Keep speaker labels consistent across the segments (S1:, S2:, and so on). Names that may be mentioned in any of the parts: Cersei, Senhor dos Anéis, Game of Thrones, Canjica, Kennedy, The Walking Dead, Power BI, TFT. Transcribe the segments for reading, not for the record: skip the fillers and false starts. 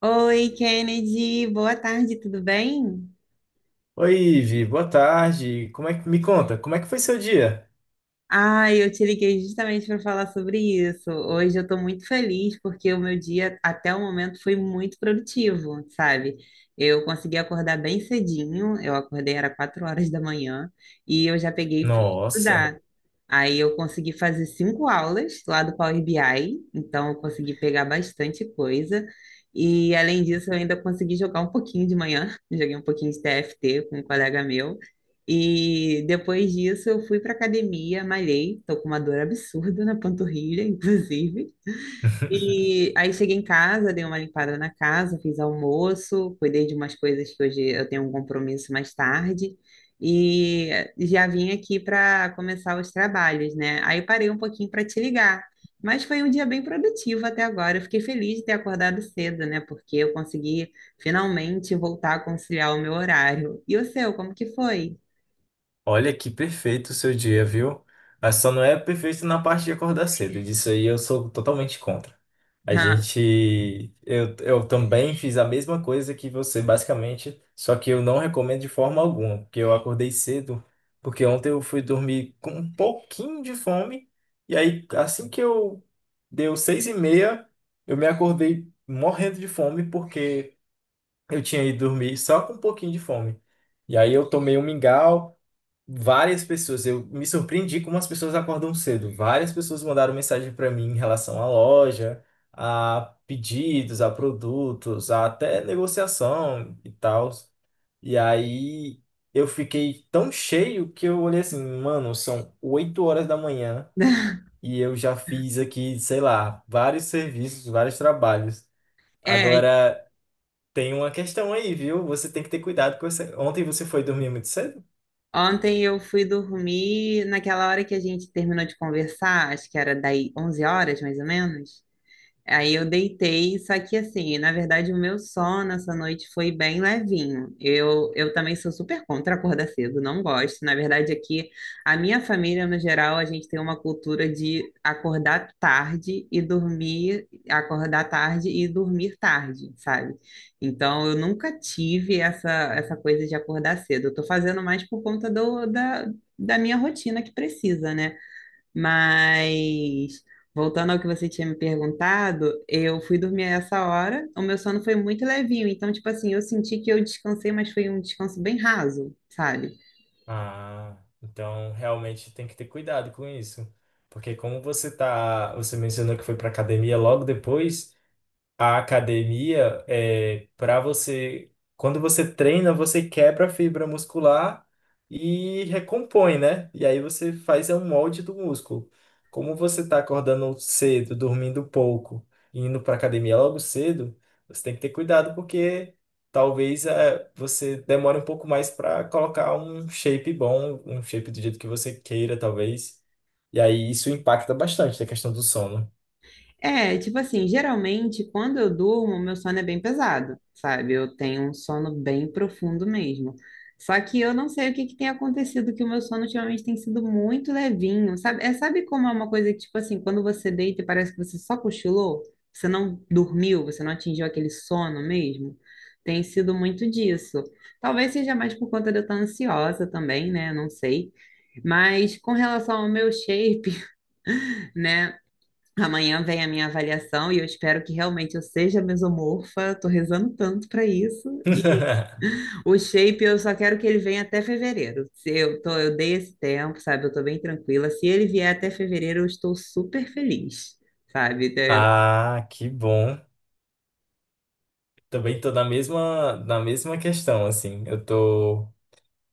S1: Oi, Kennedy, boa tarde, tudo bem?
S2: Oi, Ivi, boa tarde. Como é que me conta? Como é que foi seu dia?
S1: Ai, eu te liguei justamente para falar sobre isso. Hoje eu estou muito feliz porque o meu dia até o momento foi muito produtivo, sabe? Eu consegui acordar bem cedinho, eu acordei era 4 horas da manhã e eu já peguei e fui
S2: Nossa.
S1: estudar. Aí eu consegui fazer 5 aulas lá do Power BI, então eu consegui pegar bastante coisa. E além disso, eu ainda consegui jogar um pouquinho de manhã, joguei um pouquinho de TFT com um colega meu. E depois disso, eu fui para academia, malhei, tô com uma dor absurda na panturrilha, inclusive. E aí cheguei em casa, dei uma limpada na casa, fiz almoço, cuidei de umas coisas que hoje eu tenho um compromisso mais tarde e já vim aqui para começar os trabalhos, né? Aí parei um pouquinho para te ligar, mas foi um dia bem produtivo até agora. Eu fiquei feliz de ter acordado cedo, né? Porque eu consegui finalmente voltar a conciliar o meu horário. E o seu, como que foi?
S2: Olha que perfeito o seu dia, viu? Mas só não é perfeito na parte de acordar cedo. Disso aí eu sou totalmente contra. A gente. Eu também fiz a mesma coisa que você, basicamente. Só que eu não recomendo de forma alguma. Porque eu acordei cedo. Porque ontem eu fui dormir com um pouquinho de fome. E aí, assim que eu deu 6h30, eu me acordei morrendo de fome. Porque eu tinha ido dormir só com um pouquinho de fome. E aí eu tomei um mingau. Várias pessoas, eu me surpreendi como as pessoas acordam cedo. Várias pessoas mandaram mensagem para mim em relação à loja, a pedidos, a produtos, a até negociação e tal. E aí eu fiquei tão cheio que eu olhei assim, mano, são 8h da manhã e eu já fiz aqui, sei lá, vários serviços, vários trabalhos.
S1: É.
S2: Agora tem uma questão aí, viu? Você tem que ter cuidado com você. Ontem você foi dormir muito cedo?
S1: Ontem eu fui dormir naquela hora que a gente terminou de conversar, acho que era daí 11 horas, mais ou menos. Aí eu deitei, só que assim, na verdade, o meu sono essa noite foi bem levinho. Eu também sou super contra acordar cedo, não gosto. Na verdade, aqui, a minha família, no geral, a gente tem uma cultura de acordar tarde e dormir, acordar tarde e dormir tarde, sabe? Então, eu nunca tive essa, essa coisa de acordar cedo. Eu tô fazendo mais por conta da minha rotina que precisa, né? Mas voltando ao que você tinha me perguntado, eu fui dormir a essa hora, o meu sono foi muito levinho, então tipo assim, eu senti que eu descansei, mas foi um descanso bem raso, sabe?
S2: Ah, então realmente tem que ter cuidado com isso. Porque como você tá, você mencionou que foi para academia logo depois, a academia é para você, quando você treina, você quebra a fibra muscular e recompõe, né? E aí você faz é um molde do músculo. Como você está acordando cedo, dormindo pouco, e indo para academia logo cedo, você tem que ter cuidado porque talvez você demore um pouco mais para colocar um shape bom, um shape do jeito que você queira, talvez. E aí isso impacta bastante na questão do sono.
S1: É, tipo assim, geralmente quando eu durmo, meu sono é bem pesado, sabe? Eu tenho um sono bem profundo mesmo. Só que eu não sei o que que tem acontecido, que o meu sono ultimamente tem sido muito levinho, sabe? É, sabe como é uma coisa que, tipo assim, quando você deita e parece que você só cochilou, você não dormiu, você não atingiu aquele sono mesmo? Tem sido muito disso. Talvez seja mais por conta de eu estar ansiosa também, né? Não sei. Mas com relação ao meu shape, né? Amanhã vem a minha avaliação e eu espero que realmente eu seja mesomorfa. Tô rezando tanto para isso. E o shape eu só quero que ele venha até fevereiro. Se eu tô, eu dei esse tempo, sabe? Eu tô bem tranquila. Se ele vier até fevereiro, eu estou super feliz, sabe? Então, eu-
S2: Ah, que bom. Também tô na mesma questão, assim. Eu tô,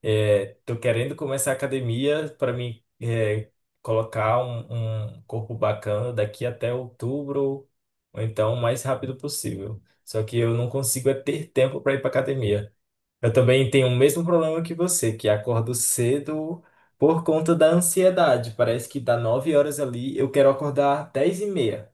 S2: é, tô querendo começar a academia para me colocar um corpo bacana daqui até outubro, ou então o mais rápido possível. Só que eu não consigo é ter tempo para ir para academia. Eu também tenho o mesmo problema que você, que acordo cedo por conta da ansiedade. Parece que dá 9h ali, eu quero acordar 10h30.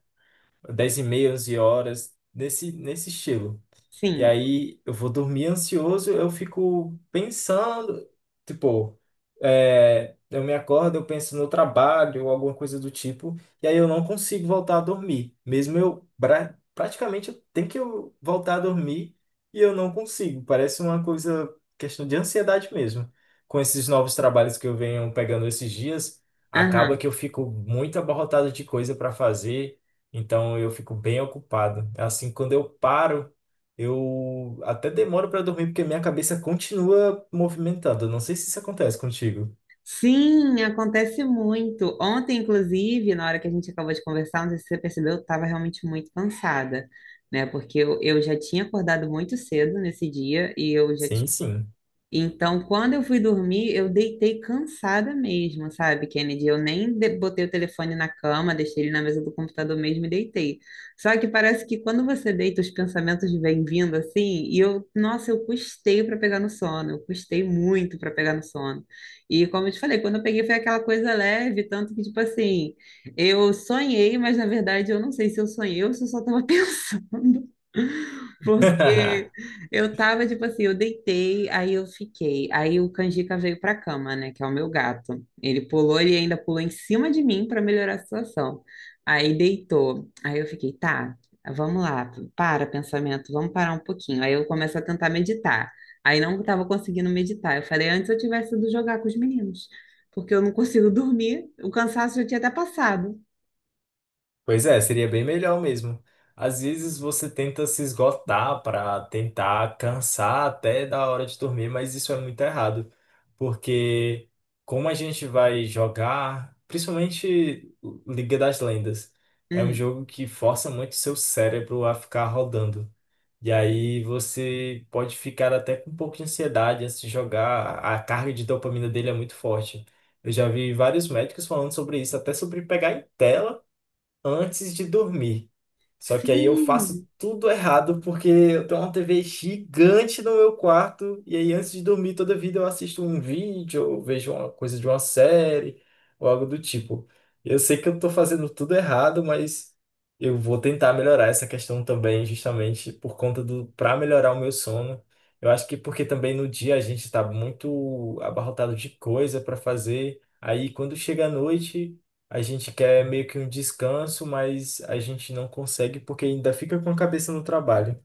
S2: Dez e meia, 11h, nesse estilo. E
S1: Sim.
S2: aí eu vou dormir ansioso, eu fico pensando, tipo, eu me acordo, eu penso no trabalho ou alguma coisa do tipo, e aí eu não consigo voltar a dormir. Mesmo eu praticamente eu tenho que eu voltar a dormir e eu não consigo. Parece uma coisa, questão de ansiedade mesmo. Com esses novos trabalhos que eu venho pegando esses dias, acaba
S1: Aham.
S2: que eu fico muito abarrotado de coisa para fazer, então eu fico bem ocupado. É. Assim, quando eu paro eu até demoro para dormir porque minha cabeça continua movimentada. Eu não sei se isso acontece contigo.
S1: Sim, acontece muito. Ontem, inclusive, na hora que a gente acabou de conversar, não sei se você percebeu, eu estava realmente muito cansada, né? Porque eu já tinha acordado muito cedo nesse dia e eu já.
S2: Sim, sim.
S1: Então, quando eu fui dormir, eu deitei cansada mesmo, sabe, Kennedy? Eu nem botei o telefone na cama, deixei ele na mesa do computador mesmo e deitei. Só que parece que quando você deita, os pensamentos vêm vindo assim, e eu, nossa, eu custei para pegar no sono, eu custei muito para pegar no sono. E como eu te falei, quando eu peguei foi aquela coisa leve, tanto que, tipo assim, eu sonhei, mas na verdade eu não sei se eu sonhei ou se eu só estava pensando. Porque eu tava, tipo assim, eu deitei, aí eu fiquei. Aí o Canjica veio pra cama, né? Que é o meu gato. Ele pulou, ele ainda pulou em cima de mim para melhorar a situação. Aí deitou. Aí eu fiquei, tá, vamos lá, para pensamento, vamos parar um pouquinho. Aí eu começo a tentar meditar. Aí não tava conseguindo meditar. Eu falei, antes eu tivesse ido jogar com os meninos, porque eu não consigo dormir. O cansaço já tinha até passado.
S2: Pois é, seria bem melhor mesmo. Às vezes você tenta se esgotar para tentar cansar até da hora de dormir, mas isso é muito errado, porque como a gente vai jogar, principalmente Liga das Lendas, é um
S1: Uhum.
S2: jogo que força muito seu cérebro a ficar rodando. E aí você pode ficar até com um pouco de ansiedade antes de jogar. A carga de dopamina dele é muito forte. Eu já vi vários médicos falando sobre isso, até sobre pegar em tela antes de dormir. Só que aí eu faço
S1: Sim,
S2: tudo errado porque eu tenho uma TV gigante no meu quarto e aí antes de dormir toda vida eu assisto um vídeo ou vejo uma coisa de uma série ou algo do tipo. Eu sei que eu tô fazendo tudo errado, mas eu vou tentar melhorar essa questão também, justamente por conta do para melhorar o meu sono. Eu acho que porque também no dia a gente está muito abarrotado de coisa para fazer. Aí quando chega à noite a gente quer meio que um descanso, mas a gente não consegue porque ainda fica com a cabeça no trabalho.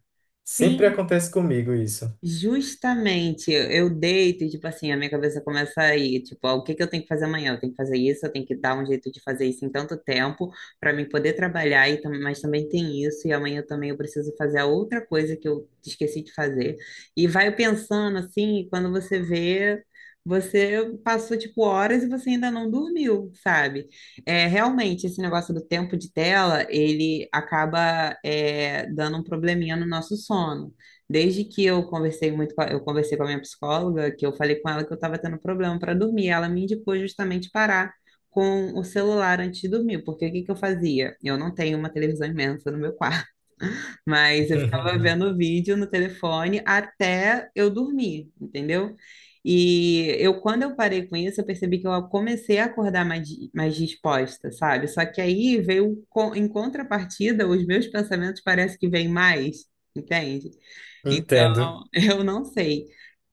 S2: Sempre
S1: sim.
S2: acontece comigo isso.
S1: Justamente, eu deito e, tipo assim, a minha cabeça começa a ir, tipo, ah, o que que eu tenho que fazer amanhã? Eu tenho que fazer isso, eu tenho que dar um jeito de fazer isso em tanto tempo para mim poder trabalhar, e, mas também tem isso, e amanhã também eu preciso fazer a outra coisa que eu esqueci de fazer. E vai pensando assim, e quando você vê, você passou, tipo, horas e você ainda não dormiu, sabe? É, realmente, esse negócio do tempo de tela, ele acaba, é, dando um probleminha no nosso sono. Desde que eu conversei muito com a, eu conversei com a minha psicóloga, que eu falei com ela que eu estava tendo problema para dormir, ela me indicou justamente parar com o celular antes de dormir, porque o que que eu fazia? Eu não tenho uma televisão imensa no meu quarto, mas eu ficava vendo vídeo no telefone até eu dormir, entendeu? E eu, quando eu parei com isso, eu percebi que eu comecei a acordar mais, mais disposta, sabe? Só que aí veio, em contrapartida, os meus pensamentos parece que vêm mais, entende? Então,
S2: Entendo.
S1: eu não sei.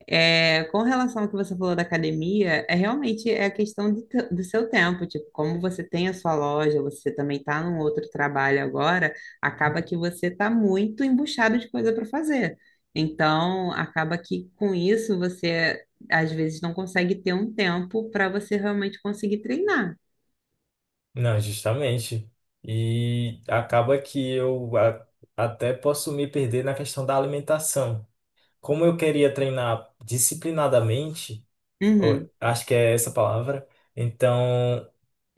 S1: É, com relação ao que você falou da academia, é realmente é a questão do, do seu tempo. Tipo, como você tem a sua loja, você também está num outro trabalho agora, acaba que você está muito embuchado de coisa para fazer. Então, acaba que com isso você às vezes não consegue ter um tempo para você realmente conseguir treinar.
S2: Não, justamente. E acaba que eu até posso me perder na questão da alimentação. Como eu queria treinar disciplinadamente, ou,
S1: Uhum.
S2: acho que é essa a palavra, então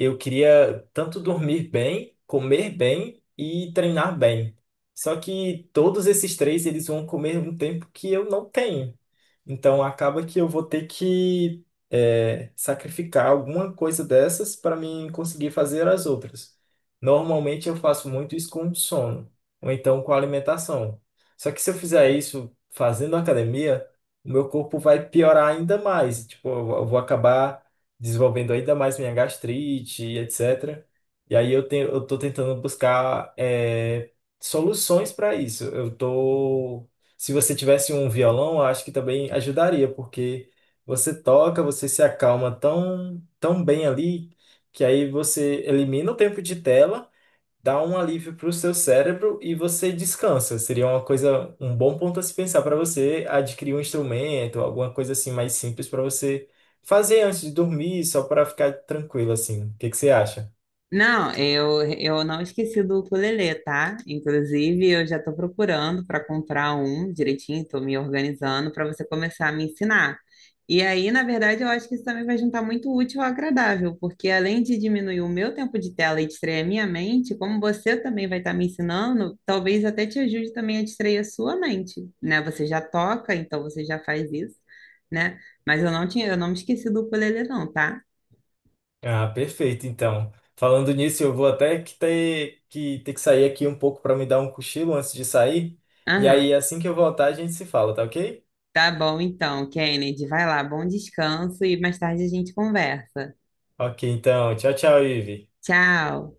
S2: eu queria tanto dormir bem, comer bem e treinar bem. Só que todos esses três eles vão comer um tempo que eu não tenho. Então acaba que eu vou ter que sacrificar alguma coisa dessas para mim conseguir fazer as outras. Normalmente eu faço muito isso com sono ou então com alimentação. Só que se eu fizer isso fazendo academia, o meu corpo vai piorar ainda mais. Tipo, eu vou acabar desenvolvendo ainda mais minha gastrite, e etc. E aí eu tenho, eu tô tentando buscar soluções para isso. Se você tivesse um violão, eu acho que também ajudaria, porque você toca, você se acalma tão, tão bem ali, que aí você elimina o tempo de tela dá um alívio para o seu cérebro e você descansa. Seria uma coisa, um bom ponto a se pensar para você adquirir um instrumento, alguma coisa assim mais simples para você fazer antes de dormir, só para ficar tranquilo assim. O que que você acha?
S1: Não, eu não esqueci do ukulele, tá? Inclusive, eu já tô procurando para comprar um direitinho, tô me organizando para você começar a me ensinar. E aí, na verdade, eu acho que isso também vai juntar muito útil ao agradável, porque além de diminuir o meu tempo de tela e distrair a minha mente, como você também vai estar me ensinando, talvez até te ajude também a distrair a sua mente, né? Você já toca, então você já faz isso, né? Mas eu não tinha, eu não me esqueci do ukulele, não, tá?
S2: Ah, perfeito. Então, falando nisso, eu vou até que ter que sair aqui um pouco para me dar um cochilo antes de sair. E
S1: Aham.
S2: aí, assim que eu voltar, a gente se fala, tá ok?
S1: Tá bom então, Kennedy. Vai lá, bom descanso e mais tarde a gente conversa.
S2: Ok, então, tchau, tchau, Ivi.
S1: Tchau.